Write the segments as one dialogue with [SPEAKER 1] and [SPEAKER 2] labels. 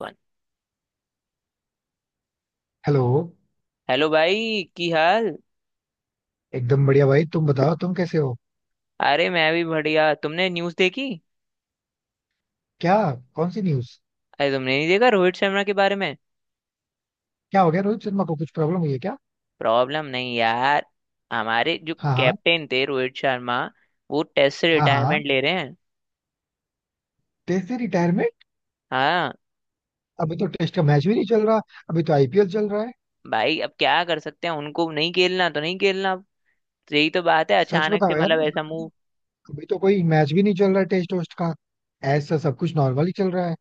[SPEAKER 1] One.
[SPEAKER 2] Hello.
[SPEAKER 1] Hello भाई, की हाल।
[SPEAKER 2] एकदम बढ़िया भाई, तुम बताओ, तुम कैसे हो?
[SPEAKER 1] अरे मैं भी बढ़िया। तुमने न्यूज़ देखी?
[SPEAKER 2] क्या? कौन सी न्यूज़?
[SPEAKER 1] अरे तुमने नहीं देखा रोहित शर्मा के बारे में?
[SPEAKER 2] क्या हो गया रोहित शर्मा को? कुछ प्रॉब्लम हुई है क्या?
[SPEAKER 1] प्रॉब्लम नहीं यार। हमारे जो
[SPEAKER 2] हाँ हाँ.
[SPEAKER 1] कैप्टन थे रोहित शर्मा, वो टेस्ट से
[SPEAKER 2] हाँ हाँ.
[SPEAKER 1] रिटायरमेंट ले रहे हैं।
[SPEAKER 2] टेस्ट से रिटायरमेंट?
[SPEAKER 1] हाँ।
[SPEAKER 2] अभी तो टेस्ट का मैच भी नहीं चल रहा. अभी तो आईपीएल चल रहा है.
[SPEAKER 1] भाई अब क्या कर सकते हैं, उनको नहीं खेलना तो नहीं खेलना अब। यही तो बात है,
[SPEAKER 2] सच
[SPEAKER 1] अचानक से
[SPEAKER 2] बताओ यार,
[SPEAKER 1] मतलब ऐसा मूव।
[SPEAKER 2] अभी तो कोई मैच भी नहीं चल रहा है टेस्ट वेस्ट का. ऐसा सब कुछ नॉर्मल ही चल रहा है.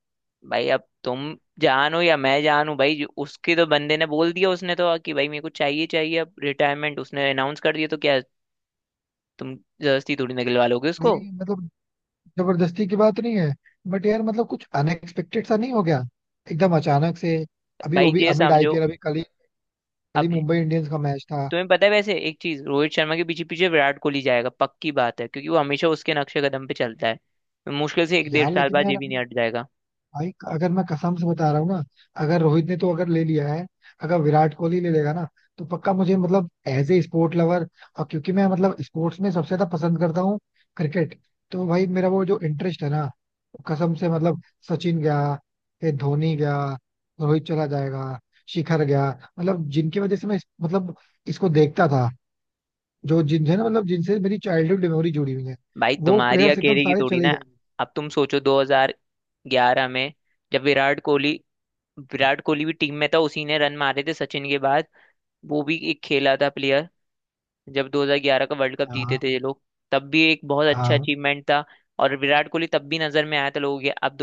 [SPEAKER 1] भाई अब तुम जानो या मैं जानू, भाई उसके तो बंदे ने बोल दिया, उसने तो कि भाई मेरे को चाहिए चाहिए अब रिटायरमेंट, उसने अनाउंस कर दिया तो क्या? तुम जबरदस्ती थोड़ी निकलवा लोगे उसको।
[SPEAKER 2] भाई मतलब, जबरदस्ती की बात नहीं है. बट यार मतलब कुछ अनएक्सपेक्टेड सा नहीं हो गया? एकदम अचानक से. अभी वो
[SPEAKER 1] भाई
[SPEAKER 2] भी
[SPEAKER 1] ये
[SPEAKER 2] अमिड
[SPEAKER 1] समझो।
[SPEAKER 2] आईपीएल. अभी कल ही, कल ही
[SPEAKER 1] अब
[SPEAKER 2] मुंबई इंडियंस का मैच था.
[SPEAKER 1] तुम्हें पता है, वैसे एक चीज, रोहित शर्मा के पीछे पीछे विराट कोहली जाएगा पक्की बात है, क्योंकि वो हमेशा उसके नक्शे कदम पे चलता है। मुश्किल से एक डेढ़
[SPEAKER 2] यार
[SPEAKER 1] साल
[SPEAKER 2] लेकिन
[SPEAKER 1] बाद ये
[SPEAKER 2] यार,
[SPEAKER 1] भी नहीं हट जाएगा।
[SPEAKER 2] भाई अगर मैं कसम से बता रहा हूँ ना, अगर रोहित ने तो अगर ले लिया है, अगर विराट कोहली ले लेगा ना, तो पक्का मुझे मतलब एज ए स्पोर्ट लवर, और क्योंकि मैं मतलब स्पोर्ट्स में सबसे ज्यादा पसंद करता हूँ क्रिकेट, तो भाई मेरा वो जो इंटरेस्ट है ना, वो कसम से मतलब सचिन गया, फिर धोनी गया, रोहित चला जाएगा, शिखर गया. मतलब जिनकी वजह से मैं मतलब इसको देखता था, जो जिनसे ना मतलब जिनसे मेरी चाइल्डहुड मेमोरी जुड़ी हुई है,
[SPEAKER 1] भाई
[SPEAKER 2] वो
[SPEAKER 1] तुम्हारी
[SPEAKER 2] प्लेयर्स एकदम
[SPEAKER 1] अकेले की
[SPEAKER 2] सारे
[SPEAKER 1] थोड़ी
[SPEAKER 2] चले
[SPEAKER 1] ना।
[SPEAKER 2] ही जाएंगे.
[SPEAKER 1] अब तुम सोचो 2011 में, जब विराट कोहली भी टीम में था, उसी ने रन मारे थे सचिन के बाद। वो भी एक खेला था प्लेयर। जब 2011 का वर्ल्ड कप जीते
[SPEAKER 2] हाँ
[SPEAKER 1] थे ये लोग, तब भी एक बहुत अच्छा
[SPEAKER 2] हाँ
[SPEAKER 1] अचीवमेंट था। और विराट कोहली तब भी नजर में आया था लोगों के। अब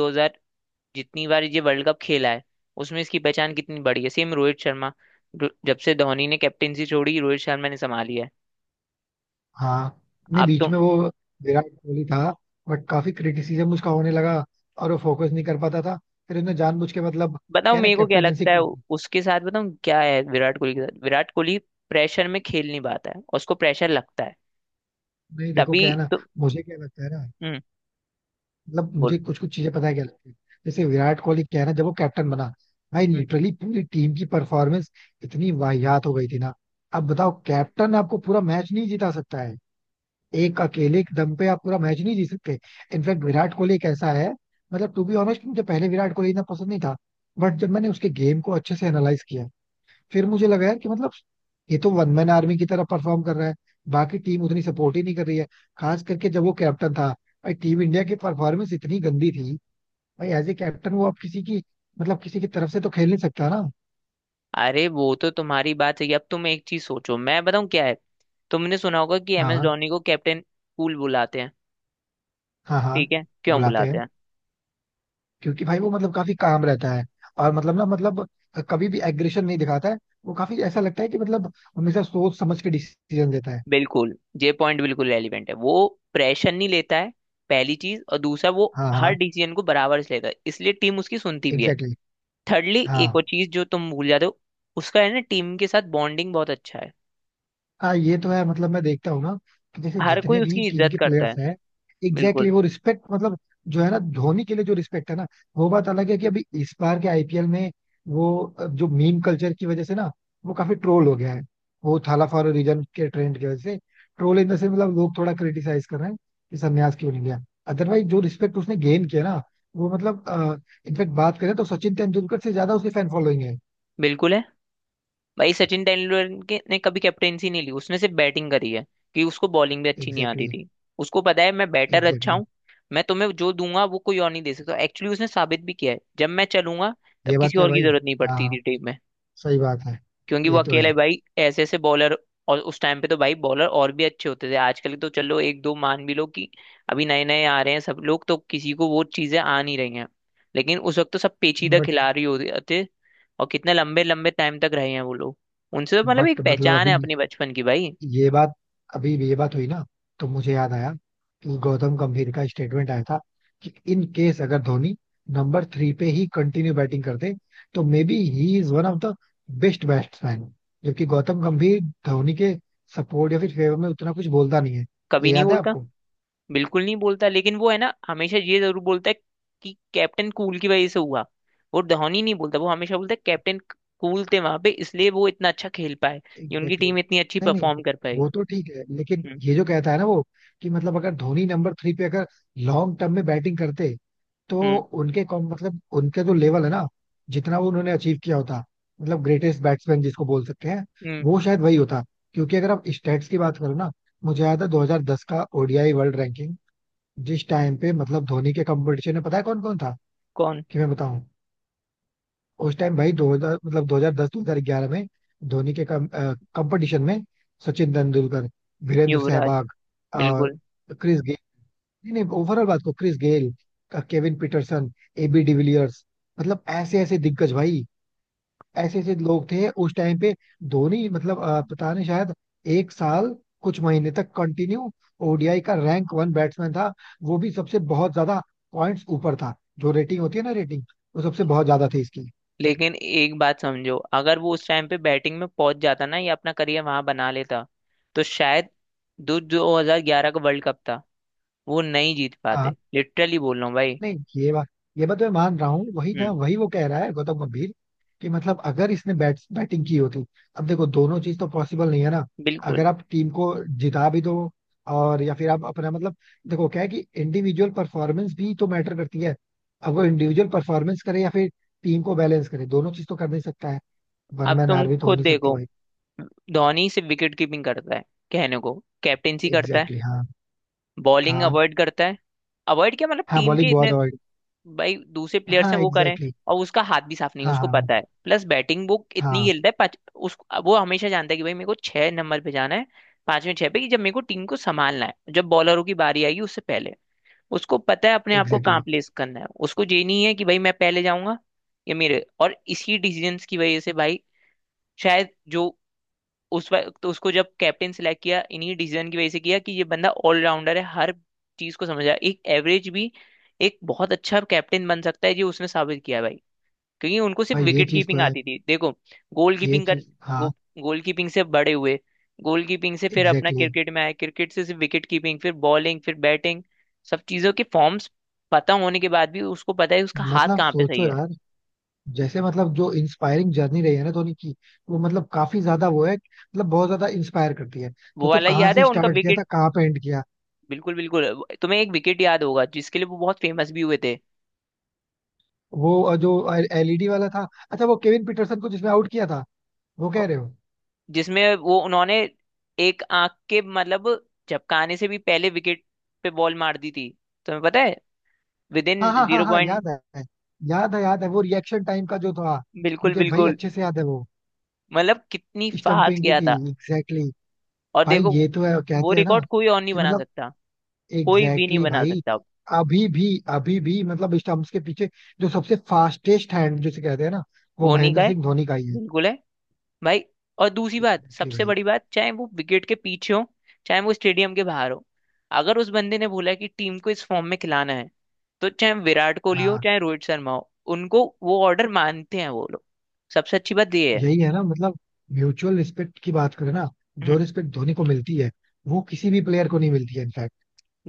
[SPEAKER 1] जितनी बार ये वर्ल्ड कप खेला है, उसमें इसकी पहचान कितनी बड़ी है, सेम रोहित शर्मा। जब से धोनी ने कैप्टेंसी छोड़ी, रोहित शर्मा ने संभाली है।
[SPEAKER 2] हाँ. नहीं,
[SPEAKER 1] आप
[SPEAKER 2] बीच
[SPEAKER 1] तो
[SPEAKER 2] में वो विराट कोहली था. बट काफी क्रिटिसिज्म उसका होने लगा, और वो फोकस नहीं कर पाता था. फिर उसने जानबूझ के मतलब
[SPEAKER 1] बताओ
[SPEAKER 2] क्या है ना,
[SPEAKER 1] मेरे को क्या
[SPEAKER 2] कैप्टेनेंसी
[SPEAKER 1] लगता है
[SPEAKER 2] की थी.
[SPEAKER 1] उसके साथ। बताऊं क्या है? विराट कोहली के साथ विराट कोहली प्रेशर में खेल नहीं पाता है, और उसको प्रेशर लगता है,
[SPEAKER 2] नहीं देखो
[SPEAKER 1] तभी
[SPEAKER 2] क्या है ना,
[SPEAKER 1] तो।
[SPEAKER 2] मुझे क्या लगता है ना,
[SPEAKER 1] हम्म।
[SPEAKER 2] मतलब मुझे
[SPEAKER 1] बोलो।
[SPEAKER 2] कुछ कुछ चीजें पता है क्या लगती है. जैसे विराट कोहली क्या है ना, जब वो कैप्टन बना, भाई
[SPEAKER 1] हम्म।
[SPEAKER 2] लिटरली पूरी टीम की परफॉर्मेंस इतनी वाहियात हो गई थी ना. अब बताओ, कैप्टन आपको पूरा मैच नहीं जिता सकता है. एक अकेले के दम पे आप पूरा मैच नहीं जीत सकते. इनफैक्ट विराट कोहली एक ऐसा है, मतलब टू बी ऑनेस्ट मुझे पहले विराट कोहली इतना पसंद नहीं था. बट जब मैंने उसके गेम को अच्छे से एनालाइज किया, फिर मुझे लगा यार कि मतलब ये तो वन मैन आर्मी की तरह परफॉर्म कर रहा है. बाकी टीम उतनी सपोर्ट ही नहीं कर रही है, खास करके जब वो कैप्टन था. भाई टीम इंडिया की परफॉर्मेंस इतनी गंदी थी. भाई एज ए कैप्टन वो आप किसी की मतलब किसी की तरफ से तो खेल नहीं सकता ना.
[SPEAKER 1] अरे वो तो तुम्हारी बात सही है। अब तुम एक चीज सोचो, मैं बताऊं क्या है। तुमने सुना होगा कि एम एस
[SPEAKER 2] हाँ
[SPEAKER 1] धोनी को कैप्टन कूल बुलाते हैं।
[SPEAKER 2] हाँ. हाँ
[SPEAKER 1] ठीक है, क्यों
[SPEAKER 2] बुलाते
[SPEAKER 1] बुलाते
[SPEAKER 2] हैं.
[SPEAKER 1] हैं?
[SPEAKER 2] क्योंकि भाई वो मतलब काफी काम रहता है, और मतलब ना मतलब कभी भी एग्रेशन नहीं दिखाता है. वो काफी ऐसा लगता है कि मतलब हमेशा सोच समझ के डिसीजन लेता है.
[SPEAKER 1] बिल्कुल। ये पॉइंट बिल्कुल रेलिवेंट है, वो प्रेशर नहीं लेता है पहली चीज, और दूसरा वो
[SPEAKER 2] हाँ
[SPEAKER 1] हर
[SPEAKER 2] हाँ.
[SPEAKER 1] डिसीजन को बराबर से लेता है इसलिए टीम उसकी सुनती भी है।
[SPEAKER 2] Exactly exactly.
[SPEAKER 1] थर्डली एक और
[SPEAKER 2] हाँ
[SPEAKER 1] चीज जो तुम भूल जाते हो, उसका है ना टीम के साथ बॉन्डिंग बहुत अच्छा है,
[SPEAKER 2] हाँ ये तो है. मतलब मैं देखता हूँ ना कि जैसे
[SPEAKER 1] हर कोई
[SPEAKER 2] जितने भी
[SPEAKER 1] उसकी
[SPEAKER 2] टीम
[SPEAKER 1] इज्जत
[SPEAKER 2] के
[SPEAKER 1] करता है।
[SPEAKER 2] प्लेयर्स हैं, एग्जैक्टली,
[SPEAKER 1] बिल्कुल।
[SPEAKER 2] वो रिस्पेक्ट मतलब, जो है ना, धोनी के लिए जो रिस्पेक्ट है ना, वो बात अलग है कि अभी इस बार के आईपीएल में वो जो मीम कल्चर की वजह से ना वो काफी ट्रोल हो गया है. वो थाला फॉर अ रीजन के ट्रेंड की वजह से ट्रोल इन द सेंस मतलब लोग थोड़ा क्रिटिसाइज कर रहे हैं कि संन्यास क्यों नहीं लिया. अदरवाइज जो रिस्पेक्ट उसने गेन किया ना, वो मतलब इनफेक्ट बात करें तो सचिन तेंदुलकर से ज्यादा उसकी फैन फॉलोइंग है.
[SPEAKER 1] बिल्कुल है भाई। सचिन तेंदुलकर ने कभी कैप्टेंसी नहीं ली, उसने सिर्फ बैटिंग करी है, कि उसको बॉलिंग भी अच्छी नहीं आती
[SPEAKER 2] एग्जैक्टली.
[SPEAKER 1] थी। उसको पता है मैं बैटर अच्छा
[SPEAKER 2] एग्जैक्टली.
[SPEAKER 1] हूँ। मैं तुम्हें जो दूंगा वो कोई और नहीं दे सकता, एक्चुअली उसने साबित भी किया है, जब मैं चलूंगा तब
[SPEAKER 2] ये बात
[SPEAKER 1] किसी
[SPEAKER 2] तो है
[SPEAKER 1] और की
[SPEAKER 2] भाई.
[SPEAKER 1] जरूरत नहीं
[SPEAKER 2] हाँ
[SPEAKER 1] पड़ती
[SPEAKER 2] हाँ.
[SPEAKER 1] थी टीम में।
[SPEAKER 2] सही बात है.
[SPEAKER 1] क्योंकि वो
[SPEAKER 2] ये तो है.
[SPEAKER 1] अकेले भाई ऐसे ऐसे बॉलर। और उस टाइम पे तो भाई बॉलर और भी अच्छे होते थे, आजकल तो चलो एक दो मान भी लो कि अभी नए नए आ रहे हैं सब लोग, तो किसी को वो चीजें आ नहीं रही हैं। लेकिन उस वक्त तो सब पेचीदा
[SPEAKER 2] बट
[SPEAKER 1] खिलाड़ी होते थे, और कितने लंबे लंबे टाइम तक रहे हैं वो लोग। उनसे तो मतलब
[SPEAKER 2] बट
[SPEAKER 1] एक
[SPEAKER 2] मतलब
[SPEAKER 1] पहचान है अपने बचपन की भाई।
[SPEAKER 2] ये बात अभी ये बात हुई ना, तो मुझे याद आया कि गौतम गंभीर का स्टेटमेंट आया था कि इन केस अगर धोनी नंबर थ्री पे ही कंटिन्यू बैटिंग करते, तो maybe he is one of the best batsman. जबकि गौतम गंभीर धोनी के सपोर्ट या फिर फेवर में उतना कुछ बोलता नहीं है. ये
[SPEAKER 1] कभी नहीं
[SPEAKER 2] याद है
[SPEAKER 1] बोलता।
[SPEAKER 2] आपको?
[SPEAKER 1] बिल्कुल नहीं बोलता, लेकिन वो है ना हमेशा ये जरूर बोलता है कि कैप्टन कूल की वजह से हुआ। वो धोनी नहीं बोलता, वो हमेशा बोलता है कैप्टन कूल थे वहां पे, इसलिए वो इतना अच्छा खेल पाए, ये उनकी
[SPEAKER 2] एग्जैक्टली
[SPEAKER 1] टीम
[SPEAKER 2] exactly.
[SPEAKER 1] इतनी अच्छी
[SPEAKER 2] नहीं नहीं,
[SPEAKER 1] परफॉर्म कर पाई।
[SPEAKER 2] वो तो ठीक है, लेकिन
[SPEAKER 1] हम्म।
[SPEAKER 2] ये जो कहता है ना वो, कि मतलब अगर धोनी नंबर थ्री पे अगर लॉन्ग टर्म में बैटिंग करते, तो
[SPEAKER 1] हम्म।
[SPEAKER 2] उनके कॉम मतलब उनके जो लेवल है ना, जितना वो उन्होंने अचीव किया होता, मतलब ग्रेटेस्ट बैट्समैन जिसको बोल सकते हैं,
[SPEAKER 1] हम्म।
[SPEAKER 2] वो शायद वही होता. क्योंकि अगर आप स्टैट्स की बात करो ना, मुझे याद है 2010 का ओडीआई वर्ल्ड रैंकिंग. जिस टाइम पे मतलब धोनी के कंपटीशन में पता है कौन कौन था?
[SPEAKER 1] कौन?
[SPEAKER 2] कि मैं बताऊं, उस टाइम भाई 2000 मतलब 2010 2011 में धोनी के कंपटीशन में सचिन तेंदुलकर, वीरेंद्र
[SPEAKER 1] युवराज।
[SPEAKER 2] सहवाग, और
[SPEAKER 1] बिल्कुल।
[SPEAKER 2] क्रिस, नहीं नहीं, ओवरऑल बात को, Chris Gayle, Kevin Pietersen, AB de Villiers, मतलब ऐसे ऐसे दिग्गज भाई, ऐसे ऐसे लोग थे उस टाइम पे. धोनी मतलब पता नहीं शायद एक साल कुछ महीने तक कंटिन्यू ओडीआई का रैंक वन बैट्समैन था. वो भी सबसे बहुत ज्यादा पॉइंट्स ऊपर था. जो रेटिंग होती है ना रेटिंग, वो सबसे बहुत ज्यादा थी इसकी.
[SPEAKER 1] लेकिन एक बात समझो, अगर वो उस टाइम पे बैटिंग में पहुंच जाता ना, या अपना करियर वहां बना लेता तो शायद दो 2011 का वर्ल्ड कप था वो नहीं जीत
[SPEAKER 2] हाँ.
[SPEAKER 1] पाते, लिटरली बोल रहा हूँ भाई।
[SPEAKER 2] नहीं, ये बात ये बात मैं मान रहा हूँ, वही ना
[SPEAKER 1] हम्म।
[SPEAKER 2] वही वो कह रहा है गौतम गंभीर, कि मतलब अगर इसने बैटिंग की होती. अब देखो दोनों चीज तो पॉसिबल नहीं है ना.
[SPEAKER 1] बिल्कुल।
[SPEAKER 2] अगर आप टीम को जिता भी दो, और या फिर आप अपना मतलब, देखो क्या है कि इंडिविजुअल परफॉर्मेंस भी तो मैटर करती है. अब वो इंडिविजुअल परफॉर्मेंस करे या फिर टीम को बैलेंस करे, दोनों चीज तो कर नहीं सकता है. वन
[SPEAKER 1] अब
[SPEAKER 2] मैन
[SPEAKER 1] तुम
[SPEAKER 2] आर्मी तो हो
[SPEAKER 1] खुद
[SPEAKER 2] नहीं सकता
[SPEAKER 1] देखो,
[SPEAKER 2] भाई.
[SPEAKER 1] धोनी सिर्फ विकेट कीपिंग करता है कहने को, कैप्टेंसी करता है,
[SPEAKER 2] एग्जैक्टली exactly, हाँ
[SPEAKER 1] बॉलिंग
[SPEAKER 2] हाँ.
[SPEAKER 1] अवॉइड करता है। अवॉइड क्या मतलब,
[SPEAKER 2] हाँ
[SPEAKER 1] टीम के
[SPEAKER 2] बॉलिंग बहुत
[SPEAKER 1] इतने
[SPEAKER 2] अवॉइड.
[SPEAKER 1] भाई दूसरे प्लेयर्स
[SPEAKER 2] हाँ
[SPEAKER 1] हैं वो करें,
[SPEAKER 2] एग्जैक्टली exactly,
[SPEAKER 1] और उसका हाथ भी साफ नहीं है
[SPEAKER 2] हाँ
[SPEAKER 1] उसको
[SPEAKER 2] हाँ.
[SPEAKER 1] पता है, प्लस बैटिंग वो इतनी
[SPEAKER 2] हाँ
[SPEAKER 1] खेलता है पाँच उस। वो हमेशा जानता है कि भाई मेरे को छह नंबर पे जाना है, पांच में छह पे, कि जब मेरे को टीम को संभालना है जब बॉलरों की बारी आएगी उससे पहले। उसको पता है अपने आप को
[SPEAKER 2] एग्जैक्टली
[SPEAKER 1] कहाँ
[SPEAKER 2] exactly.
[SPEAKER 1] प्लेस करना है, उसको ये नहीं है कि भाई मैं पहले जाऊंगा या मेरे। और इसी डिसीजंस की वजह से भाई, शायद जो उस वक्त तो उसको जब कैप्टन सिलेक्ट किया, इन्हीं डिसीजन की वजह से किया कि ये बंदा ऑलराउंडर है, हर चीज को समझ रहा है, एक एवरेज भी एक बहुत अच्छा कैप्टन बन सकता है, ये उसने साबित किया भाई। क्योंकि उनको सिर्फ
[SPEAKER 2] भाई ये
[SPEAKER 1] विकेट
[SPEAKER 2] चीज तो
[SPEAKER 1] कीपिंग
[SPEAKER 2] है.
[SPEAKER 1] आती थी, देखो गोल
[SPEAKER 2] ये
[SPEAKER 1] कीपिंग कर,
[SPEAKER 2] चीज
[SPEAKER 1] गो,
[SPEAKER 2] हाँ.
[SPEAKER 1] गोल कीपिंग से बड़े हुए, गोल कीपिंग से फिर अपना
[SPEAKER 2] एग्जैक्टली exactly.
[SPEAKER 1] क्रिकेट में आए, क्रिकेट से सिर्फ विकेट कीपिंग फिर बॉलिंग फिर बैटिंग, सब चीजों के फॉर्म्स पता होने के बाद भी उसको पता है उसका हाथ
[SPEAKER 2] मतलब
[SPEAKER 1] कहाँ पे सही
[SPEAKER 2] सोचो
[SPEAKER 1] है।
[SPEAKER 2] यार, जैसे मतलब जो इंस्पायरिंग जर्नी रही है ना धोनी की, वो मतलब काफी ज्यादा वो है, मतलब बहुत ज्यादा इंस्पायर करती है.
[SPEAKER 1] वो
[SPEAKER 2] सोचो
[SPEAKER 1] वाला
[SPEAKER 2] कहाँ
[SPEAKER 1] याद
[SPEAKER 2] से
[SPEAKER 1] है उनका
[SPEAKER 2] स्टार्ट किया था,
[SPEAKER 1] विकेट?
[SPEAKER 2] कहाँ पे एंड किया.
[SPEAKER 1] बिल्कुल बिल्कुल। तुम्हें एक विकेट याद होगा जिसके लिए वो बहुत फेमस भी हुए थे,
[SPEAKER 2] वो जो एलईडी वाला था, अच्छा वो केविन पीटरसन को जिसमें आउट किया था, वो कह रहे हो?
[SPEAKER 1] जिसमें वो उन्होंने एक आंख के मतलब झपकाने से भी पहले विकेट पे बॉल मार दी थी, तुम्हें पता है, विद
[SPEAKER 2] हाँ
[SPEAKER 1] इन
[SPEAKER 2] हाँ हाँ
[SPEAKER 1] जीरो
[SPEAKER 2] हाँ
[SPEAKER 1] पॉइंट।
[SPEAKER 2] याद है. याद है याद है. वो रिएक्शन टाइम का जो था,
[SPEAKER 1] बिल्कुल
[SPEAKER 2] मुझे भाई
[SPEAKER 1] बिल्कुल।
[SPEAKER 2] अच्छे से याद है वो.
[SPEAKER 1] मतलब कितनी फास्ट
[SPEAKER 2] स्टंपिंग की
[SPEAKER 1] किया
[SPEAKER 2] थी.
[SPEAKER 1] था।
[SPEAKER 2] Exactly exactly.
[SPEAKER 1] और
[SPEAKER 2] भाई
[SPEAKER 1] देखो,
[SPEAKER 2] ये तो है.
[SPEAKER 1] वो
[SPEAKER 2] कहते हैं ना
[SPEAKER 1] रिकॉर्ड कोई और नहीं
[SPEAKER 2] कि
[SPEAKER 1] बना
[SPEAKER 2] मतलब
[SPEAKER 1] सकता, कोई भी
[SPEAKER 2] एग्जैक्टली
[SPEAKER 1] नहीं
[SPEAKER 2] exactly
[SPEAKER 1] बना
[SPEAKER 2] भाई.
[SPEAKER 1] सकता अब।
[SPEAKER 2] अभी भी, अभी भी मतलब स्टंप्स के पीछे जो सबसे फास्टेस्ट हैंड जिसे कहते हैं ना, वो
[SPEAKER 1] वो नहीं का
[SPEAKER 2] महेंद्र
[SPEAKER 1] है।
[SPEAKER 2] सिंह धोनी का ही है.
[SPEAKER 1] बिल्कुल है भाई। और दूसरी बात,
[SPEAKER 2] एग्जैक्टली
[SPEAKER 1] सबसे
[SPEAKER 2] भाई.
[SPEAKER 1] बड़ी बात, चाहे वो विकेट के पीछे हो चाहे वो स्टेडियम के बाहर हो, अगर उस बंदे ने बोला है कि टीम को इस फॉर्म में खिलाना है, तो चाहे विराट कोहली हो
[SPEAKER 2] हाँ.
[SPEAKER 1] चाहे रोहित शर्मा हो, उनको वो ऑर्डर मानते हैं वो लोग, सबसे अच्छी बात ये है।
[SPEAKER 2] यही है ना मतलब, म्यूचुअल रिस्पेक्ट की बात करें ना, जो
[SPEAKER 1] हम्म।
[SPEAKER 2] रिस्पेक्ट धोनी को मिलती है, वो किसी भी प्लेयर को नहीं मिलती है.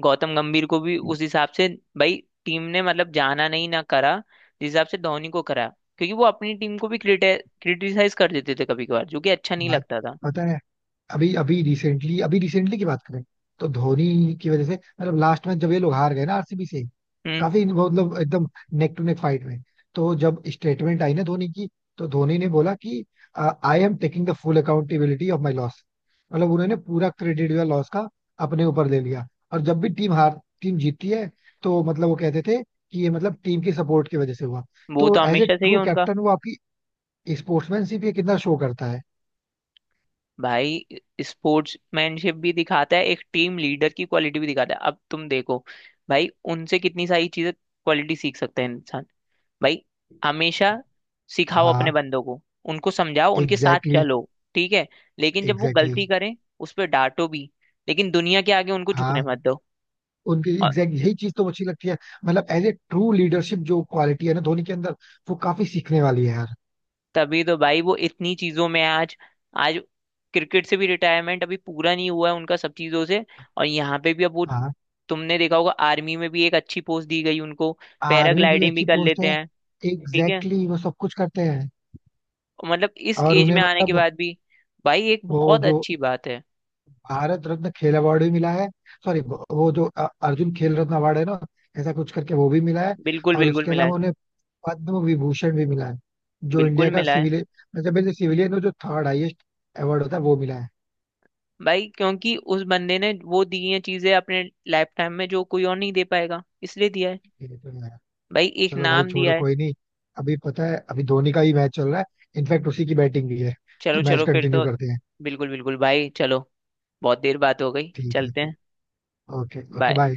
[SPEAKER 1] गौतम गंभीर को भी उस हिसाब से भाई, टीम ने मतलब जाना नहीं ना करा जिस हिसाब से धोनी को करा, क्योंकि वो अपनी टीम को भी क्रिटिसाइज कर देते थे कभी कभार, जो कि अच्छा नहीं
[SPEAKER 2] भाई
[SPEAKER 1] लगता था।
[SPEAKER 2] पता है, अभी अभी रिसेंटली की बात करें तो, धोनी की वजह से मतलब लास्ट में जब ये लोग हार गए ना आरसीबी से,
[SPEAKER 1] हम्म।
[SPEAKER 2] काफी वो मतलब एकदम नेक टू नेक फाइट में, तो जब स्टेटमेंट आई ना धोनी की, तो धोनी ने बोला कि I am taking the full accountability of my loss. मतलब उन्होंने पूरा क्रेडिट या लॉस का अपने ऊपर ले लिया. और जब भी टीम हार, टीम जीतती है, तो मतलब वो कहते थे कि ये मतलब टीम की सपोर्ट की वजह से हुआ.
[SPEAKER 1] वो
[SPEAKER 2] तो
[SPEAKER 1] तो
[SPEAKER 2] एज ए
[SPEAKER 1] हमेशा से ही है
[SPEAKER 2] ट्रू
[SPEAKER 1] उनका।
[SPEAKER 2] कैप्टन वो आपकी स्पोर्ट्समैनशिप ये कितना शो करता है.
[SPEAKER 1] भाई, स्पोर्ट्समैनशिप भी दिखाता है, एक टीम लीडर की क्वालिटी भी दिखाता है, अब तुम देखो भाई, उनसे कितनी सारी चीजें, क्वालिटी सीख सकते हैं इंसान भाई, हमेशा सिखाओ अपने
[SPEAKER 2] हाँ
[SPEAKER 1] बंदों को, उनको समझाओ, उनके साथ
[SPEAKER 2] एग्जैक्टली
[SPEAKER 1] चलो, ठीक है, लेकिन
[SPEAKER 2] exactly,
[SPEAKER 1] जब वो
[SPEAKER 2] एग्जैक्टली
[SPEAKER 1] गलती
[SPEAKER 2] exactly.
[SPEAKER 1] करें उस पर डांटो भी, लेकिन दुनिया के आगे उनको झुकने
[SPEAKER 2] हाँ.
[SPEAKER 1] मत दो।
[SPEAKER 2] उनकी एग्जैक्ट यही चीज तो अच्छी लगती है, मतलब एज ए ट्रू लीडरशिप जो क्वालिटी है ना धोनी के अंदर, वो काफी सीखने वाली है यार.
[SPEAKER 1] तभी तो भाई वो इतनी चीजों में आज आज क्रिकेट से भी रिटायरमेंट अभी पूरा नहीं हुआ है उनका, सब चीजों से, और यहाँ पे भी अब वो,
[SPEAKER 2] हाँ
[SPEAKER 1] तुमने देखा होगा आर्मी में भी एक अच्छी पोस्ट दी गई उनको,
[SPEAKER 2] आर्मी भी
[SPEAKER 1] पैराग्लाइडिंग भी
[SPEAKER 2] अच्छी
[SPEAKER 1] कर
[SPEAKER 2] पोस्ट
[SPEAKER 1] लेते
[SPEAKER 2] है.
[SPEAKER 1] हैं। ठीक है,
[SPEAKER 2] एग्जैक्टली exactly, वो सब कुछ करते हैं.
[SPEAKER 1] मतलब इस
[SPEAKER 2] और
[SPEAKER 1] एज
[SPEAKER 2] उन्हें
[SPEAKER 1] में आने के
[SPEAKER 2] मतलब
[SPEAKER 1] बाद भी, भाई एक
[SPEAKER 2] वो
[SPEAKER 1] बहुत
[SPEAKER 2] जो
[SPEAKER 1] अच्छी बात है।
[SPEAKER 2] भारत रत्न खेल अवार्ड भी मिला है. सॉरी, वो जो अर्जुन खेल रत्न अवार्ड है ना, ऐसा कुछ करके वो भी मिला है.
[SPEAKER 1] बिल्कुल
[SPEAKER 2] और
[SPEAKER 1] बिल्कुल
[SPEAKER 2] उसके
[SPEAKER 1] मिला है।
[SPEAKER 2] अलावा उन्हें पद्म विभूषण भी मिला है जो
[SPEAKER 1] बिल्कुल
[SPEAKER 2] इंडिया का
[SPEAKER 1] मिला है
[SPEAKER 2] सिविलियन, मतलब सिविलियन जो थर्ड हाईएस्ट अवार्ड होता है, वो मिला है.
[SPEAKER 1] भाई, क्योंकि उस बंदे ने वो दी हैं चीजें अपने लाइफ टाइम में जो कोई और नहीं दे पाएगा, इसलिए दिया है
[SPEAKER 2] ये तो है.
[SPEAKER 1] भाई, एक
[SPEAKER 2] चलो भाई
[SPEAKER 1] नाम
[SPEAKER 2] छोड़ो,
[SPEAKER 1] दिया है।
[SPEAKER 2] कोई नहीं. अभी पता है अभी धोनी का ही मैच चल रहा है. इनफैक्ट उसी की बैटिंग भी है. तो
[SPEAKER 1] चलो
[SPEAKER 2] मैच
[SPEAKER 1] चलो फिर
[SPEAKER 2] कंटिन्यू
[SPEAKER 1] तो।
[SPEAKER 2] करते हैं.
[SPEAKER 1] बिल्कुल बिल्कुल भाई चलो, बहुत देर बात हो गई,
[SPEAKER 2] ठीक
[SPEAKER 1] चलते
[SPEAKER 2] है.
[SPEAKER 1] हैं।
[SPEAKER 2] Okay okay
[SPEAKER 1] bye.
[SPEAKER 2] बाय.